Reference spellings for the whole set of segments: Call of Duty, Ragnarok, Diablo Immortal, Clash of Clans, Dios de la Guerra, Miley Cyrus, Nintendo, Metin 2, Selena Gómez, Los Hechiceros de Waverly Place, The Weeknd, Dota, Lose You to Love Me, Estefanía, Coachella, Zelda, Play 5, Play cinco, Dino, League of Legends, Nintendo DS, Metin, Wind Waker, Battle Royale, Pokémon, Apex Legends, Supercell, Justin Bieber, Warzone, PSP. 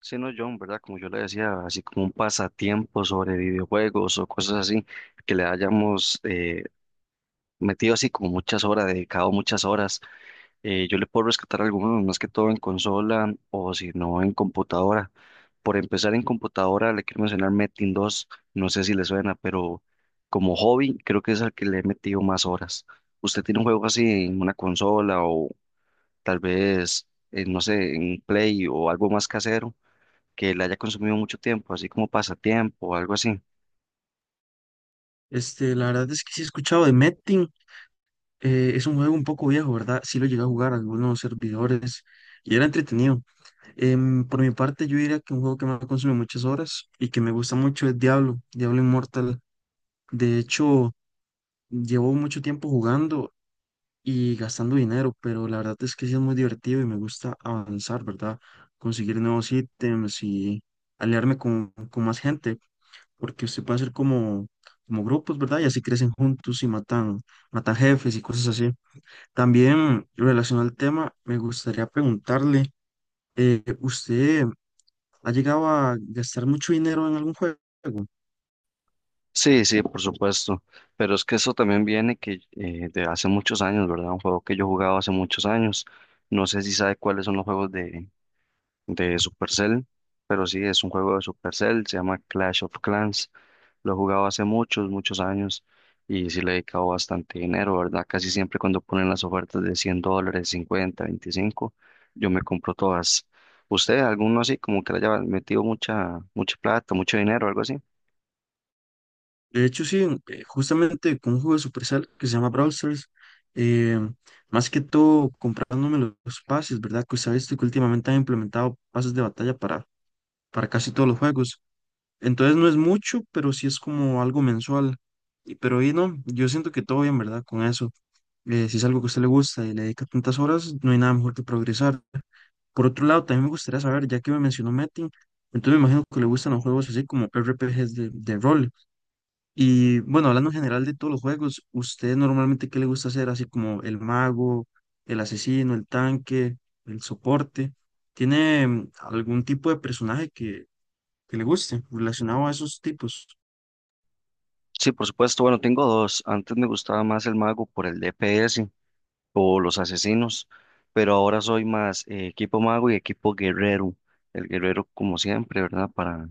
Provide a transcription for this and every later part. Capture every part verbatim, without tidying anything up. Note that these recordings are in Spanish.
Sí, no, John, ¿verdad? Como yo le decía, así como un pasatiempo sobre videojuegos o cosas así, que le hayamos eh, metido así como muchas horas, dedicado muchas horas. Eh, yo le puedo rescatar algunos, más que todo en consola o si no en computadora. Por empezar en computadora, le quiero mencionar Metin dos, no sé si le suena, pero como hobby creo que es al que le he metido más horas. ¿Usted tiene un juego así en una consola o tal vez, eh, no sé, en Play o algo más casero que la haya consumido mucho tiempo, así como pasatiempo o algo así? Este, la verdad es que sí he escuchado de Metin. Eh, es un juego un poco viejo, ¿verdad? Sí lo llegué a jugar a algunos servidores y era entretenido. Em, por mi parte, yo diría que un juego que me ha consumido muchas horas y que me gusta mucho es Diablo, Diablo Immortal. De hecho, llevo mucho tiempo jugando y gastando dinero, pero la verdad es que sí es muy divertido y me gusta avanzar, ¿verdad? Conseguir nuevos ítems y aliarme con, con más gente porque usted puede hacer como, como grupos, ¿verdad? Y así crecen juntos y matan, matan jefes y cosas así. También relacionado al tema, me gustaría preguntarle, eh, ¿usted ha llegado a gastar mucho dinero en algún juego? Sí, sí, por supuesto, pero es que eso también viene que eh, de hace muchos años, ¿verdad? Un juego que yo jugaba hace muchos años. No sé si sabe cuáles son los juegos de, de Supercell, pero sí, es un juego de Supercell, se llama Clash of Clans. Lo he jugado hace muchos, muchos años y sí le he dedicado bastante dinero, ¿verdad? Casi siempre cuando ponen las ofertas de cien dólares, cincuenta, veinticinco, yo me compro todas. ¿Usted, alguno así, como que le haya metido mucha, mucha plata, mucho dinero, algo así? De hecho, sí, eh, justamente con un juego de Supercell que se llama Brawl Stars, eh, más que todo comprándome los, los pases, ¿verdad? Que usted ha visto que últimamente han implementado pases de batalla para, para casi todos los juegos. Entonces no es mucho, pero sí es como algo mensual. Y- Pero ahí no, yo siento que todo bien, ¿verdad? Con eso. Eh, si es algo que a usted le gusta y le dedica tantas horas, no hay nada mejor que progresar. Por otro lado, también me gustaría saber, ya que me mencionó Metin, entonces me imagino que le gustan los juegos así como R P Gs de, de rol. Y bueno, hablando en general de todos los juegos, ¿usted normalmente qué le gusta hacer? Así como el mago, el asesino, el tanque, el soporte. ¿Tiene mm, algún tipo de personaje que, que le guste relacionado a esos tipos? Sí, por supuesto, bueno, tengo dos. Antes me gustaba más el mago por el D P S o los asesinos, pero ahora soy más eh, equipo mago y equipo guerrero. El guerrero como siempre, ¿verdad? Para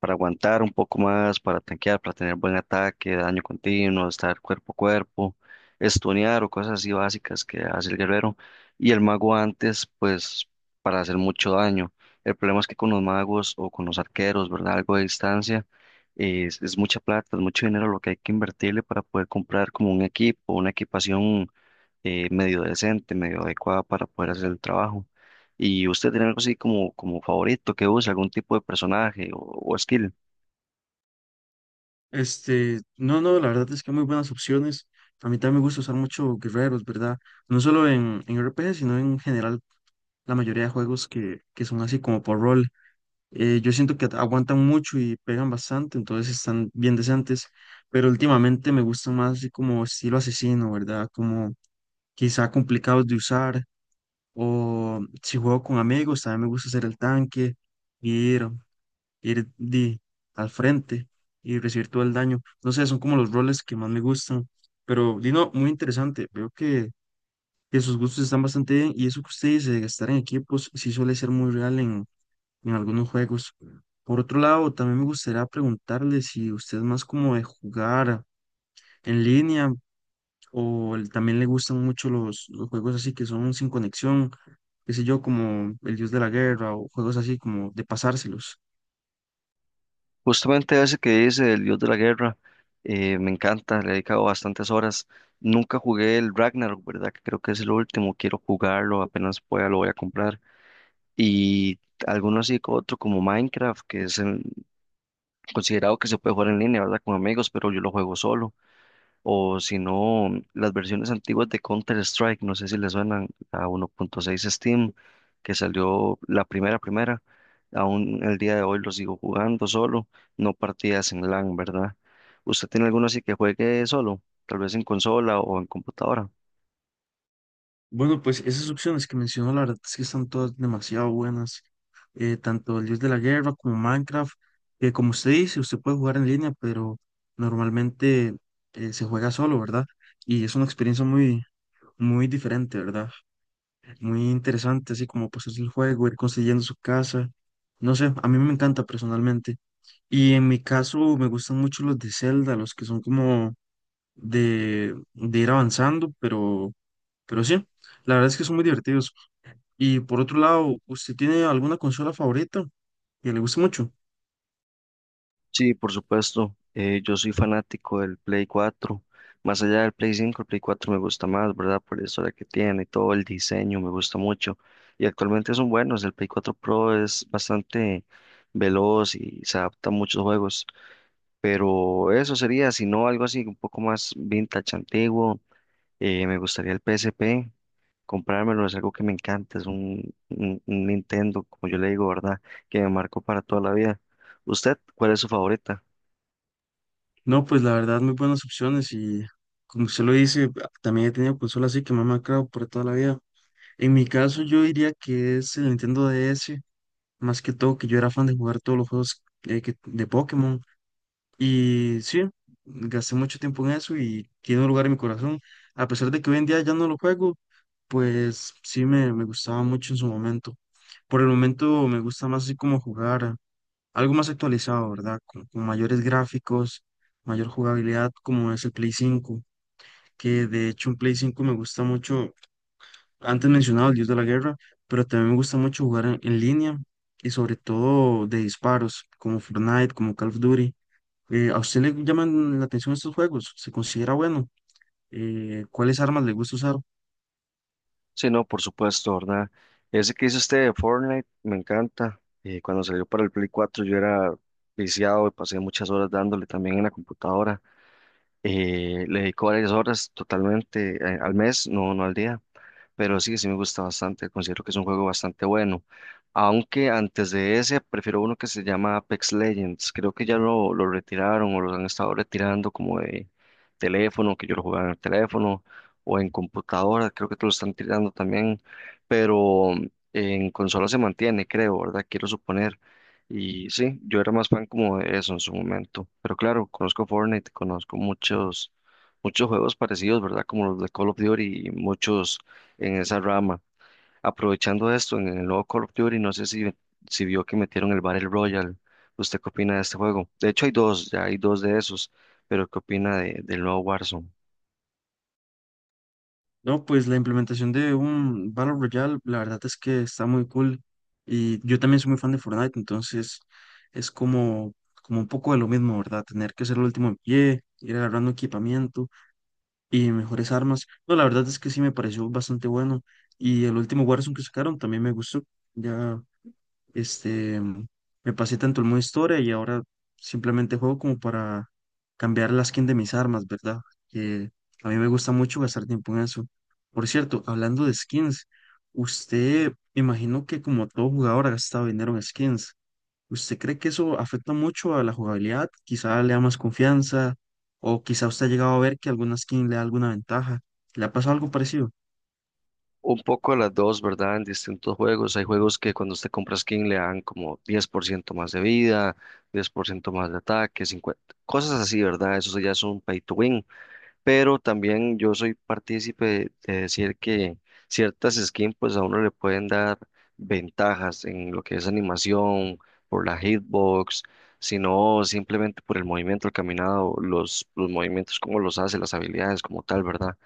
para aguantar un poco más, para tanquear, para tener buen ataque, daño continuo, estar cuerpo a cuerpo, estunear o cosas así básicas que hace el guerrero. Y el mago antes, pues, para hacer mucho daño. El problema es que con los magos o con los arqueros, ¿verdad? Algo de distancia, es, es mucha plata, es mucho dinero lo que hay que invertirle para poder comprar como un equipo, una equipación eh, medio decente, medio adecuada para poder hacer el trabajo. ¿Y usted tiene algo así como, como favorito que use, algún tipo de personaje o o skill? Este, no, no, la verdad es que hay muy buenas opciones. A mí también me gusta usar mucho guerreros, ¿verdad? No solo en, en R P G, sino en general la mayoría de juegos que, que son así como por rol. Eh, yo siento que aguantan mucho y pegan bastante, entonces están bien decentes, pero últimamente me gustan más así como estilo asesino, ¿verdad? Como quizá complicados de usar, o si juego con amigos, también me gusta hacer el tanque, ir ir di, al frente y recibir todo el daño. No sé, son como los roles que más me gustan. Pero, Dino, muy interesante. Veo que, que sus gustos están bastante bien y eso que usted dice de estar en equipos sí suele ser muy real en, en algunos juegos. Por otro lado, también me gustaría preguntarle si usted es más como de jugar en línea o el- también le gustan mucho los, los juegos así que son sin conexión, qué sé yo, como El Dios de la Guerra o juegos así como de pasárselos. Justamente ese que dice el dios de la guerra, eh, me encanta, le he dedicado bastantes horas. Nunca jugué el Ragnarok, ¿verdad? Que creo que es el último, quiero jugarlo, apenas pueda lo voy a comprar. Y alguno así co- otro como Minecraft, que es el- considerado que se puede jugar en línea, ¿verdad? Con amigos, pero yo lo juego solo o si no, las versiones antiguas de Counter-Strike, no sé si les suenan a uno punto seis Steam, que salió la primera, primera, aún el día de hoy lo sigo jugando solo, no partidas en LAN, ¿verdad? ¿Usted tiene alguno así que juegue solo, tal vez en consola o en computadora? Bueno, pues esas opciones que mencionó, la verdad es que están todas demasiado buenas. Eh, tanto el Dios de la Guerra como Minecraft, que como usted dice, usted puede jugar en línea, pero normalmente eh, se juega solo, ¿verdad? Y es una experiencia muy, muy diferente, ¿verdad? Muy interesante, así como pues es el juego, ir construyendo su casa. No sé, a mí me encanta personalmente. Y en mi caso me gustan mucho los de Zelda, los que son como de, de ir avanzando, pero, pero sí, la verdad es que son muy divertidos. Y por otro lado, ¿usted tiene alguna consola favorita que le guste mucho? Sí, por supuesto. Eh, yo soy fanático del Play cuatro. Más allá del Play cinco, el Play cuatro me gusta más, ¿verdad? Por la historia que tiene, todo el diseño me gusta mucho. Y actualmente son buenos. El Play cuatro Pro es bastante veloz y se adapta a muchos juegos. Pero eso sería, si no, algo así, un poco más vintage, antiguo. Eh, me gustaría el P S P. Comprármelo es algo que me encanta. Es un, un un Nintendo, como yo le digo, ¿verdad? Que me marcó para toda la vida. ¿Usted cuál es su favorita? No, pues la verdad, muy buenas opciones y como usted lo dice, también he tenido consolas así que me han marcado por toda la vida. En mi caso, yo diría que es el Nintendo D S, más que todo que yo era fan de jugar todos los juegos eh, que- de Pokémon. Y sí, gasté mucho tiempo en eso y tiene un lugar en mi corazón. A pesar de que hoy en día ya no lo juego, pues sí me, me gustaba mucho en su momento. Por el momento me gusta más así como jugar algo más actualizado, ¿verdad? Con, con mayores gráficos, mayor jugabilidad, como es el Play cinco, que de hecho un Play cinco me gusta mucho, antes mencionaba el Dios de la Guerra, pero también me gusta mucho jugar en, en línea y sobre todo de disparos, como Fortnite, como Call of Duty. Eh, ¿a usted le llaman la atención estos juegos? ¿Se considera bueno? Eh, ¿cuáles armas le gusta usar? Sí, no, por supuesto, ¿verdad? Ese que hizo usted de Fortnite me encanta. Eh, cuando salió para el Play cuatro yo era viciado y pasé muchas horas dándole también en la computadora. Eh, le dedico varias horas totalmente eh, al mes, no, no al día, pero sí, sí me gusta bastante, considero que es un juego bastante bueno. Aunque antes de ese, prefiero uno que se llama Apex Legends, creo que ya lo, lo retiraron o lo han estado retirando como de teléfono, que yo lo jugaba en el teléfono o en computadora, creo que te lo están tirando también, pero mm, en consola se mantiene, creo, ¿verdad? Quiero suponer. Y sí, yo era más fan como de eso en su momento. Pero claro, conozco Fortnite, conozco muchos, muchos juegos parecidos, ¿verdad? Como los de Call of Duty y muchos en esa rama. Aprovechando esto, en el nuevo Call of Duty, no sé si, si vio que metieron el Battle Royale. ¿Usted qué opina de este juego? De hecho, hay dos, ya hay dos de esos. Pero ¿qué opina de, del nuevo Warzone? No, pues la implementación de un Battle Royale, la verdad es que está muy cool. Y yo también soy muy fan de Fortnite, entonces es como, como un poco de lo mismo, ¿verdad? Tener que ser el último en pie, ir agarrando equipamiento y mejores armas. No, la verdad es que sí me pareció bastante bueno. Y el último Warzone que sacaron también me gustó. Ya este, mm, me pasé tanto el modo historia y ahora simplemente juego como para cambiar la skin de mis armas, ¿verdad? Que a mí me gusta mucho gastar tiempo en eso. Por cierto, hablando de skins, usted, me imagino que como todo jugador ha gastado dinero en skins. ¿Usted cree que eso afecta mucho a la jugabilidad? Quizá le da más confianza o quizá usted ha llegado a ver que alguna skin le da alguna ventaja. ¿Le ha pasado algo parecido? Un poco las dos, ¿verdad? En distintos juegos. Hay juegos que cuando usted compra skin le dan como diez por ciento más de vida, diez por ciento más de ataque, cincuenta, cosas así, ¿verdad? Eso ya es un pay to win. Pero también yo soy partícipe de decir que ciertas skins pues a uno le pueden dar ventajas en lo que es animación, por la hitbox, sino simplemente por el movimiento, el caminado, los, los movimientos, cómo los hace, las habilidades como tal, ¿verdad?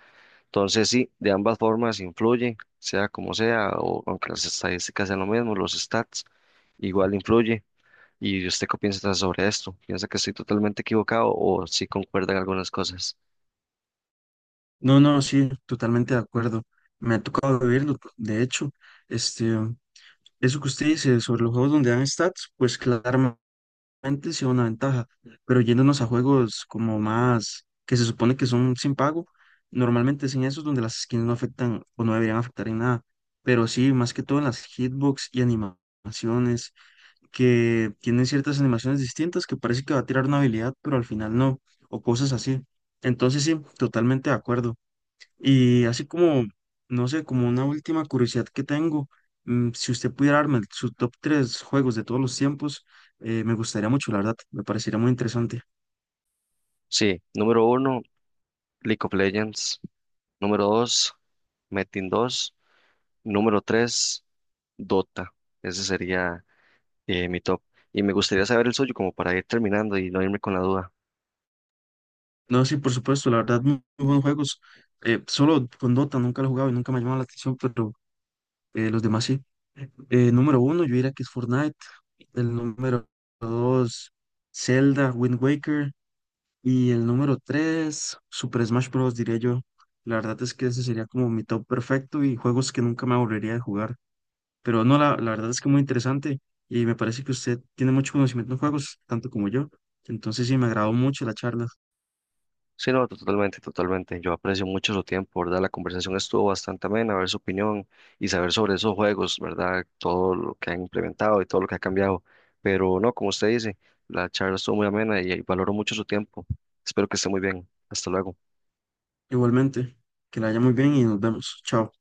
Entonces sí, de ambas formas influye, sea como sea, o aunque las estadísticas sean lo mismo, los stats igual influye. ¿Y usted qué piensa sobre esto? ¿Piensa que estoy totalmente equivocado o sí concuerdan algunas cosas? No, no, sí, totalmente de acuerdo. Me ha tocado vivirlo, de hecho. Este, Eso que usted dice sobre los juegos donde dan stats, pues claramente sea una ventaja, pero yéndonos a juegos como más que se supone que son sin pago, normalmente es en esos donde las skins no afectan o no deberían afectar en nada, pero sí, más que todo en las hitbox y animaciones, que tienen ciertas animaciones distintas que parece que va a tirar una habilidad, pero al final no, o cosas así. Entonces sí, totalmente de acuerdo. Y así como, no sé, como una última curiosidad que tengo, mm, si usted pudiera darme el- su top tres juegos de todos los tiempos, eh, me gustaría mucho, la verdad, me parecería muy interesante. Sí, número uno, League of Legends. Número dos, Metin dos. Número tres, Dota. Ese sería eh, mi top. Y me gustaría saber el suyo como para ir terminando y no irme con la duda. No, sí, por supuesto, la verdad, muy, muy buenos juegos. Eh, solo con Dota nunca lo he jugado y nunca me ha llamado la atención, pero eh, los demás sí. Eh, número uno, yo diría que es Fortnite. El número dos, Zelda, Wind Waker. Y el número tres Super Smash Bros. Diría yo. La verdad es que ese sería como mi top perfecto y juegos que nunca me aburriría de jugar. Pero no, la, la verdad es que muy interesante y me parece que usted tiene mucho conocimiento en juegos, tanto como yo. Entonces sí, me agradó mucho la charla. Sí, no, totalmente, totalmente. Yo aprecio mucho su tiempo, ¿verdad? La conversación estuvo bastante amena, ver su opinión y saber sobre esos juegos, ¿verdad? Todo lo que han implementado y todo lo que ha cambiado. Pero no, como usted dice, la charla estuvo muy amena y y valoro mucho su tiempo. Espero que esté muy bien. Hasta luego. Igualmente, que la haya muy bien y nos vemos. Chao.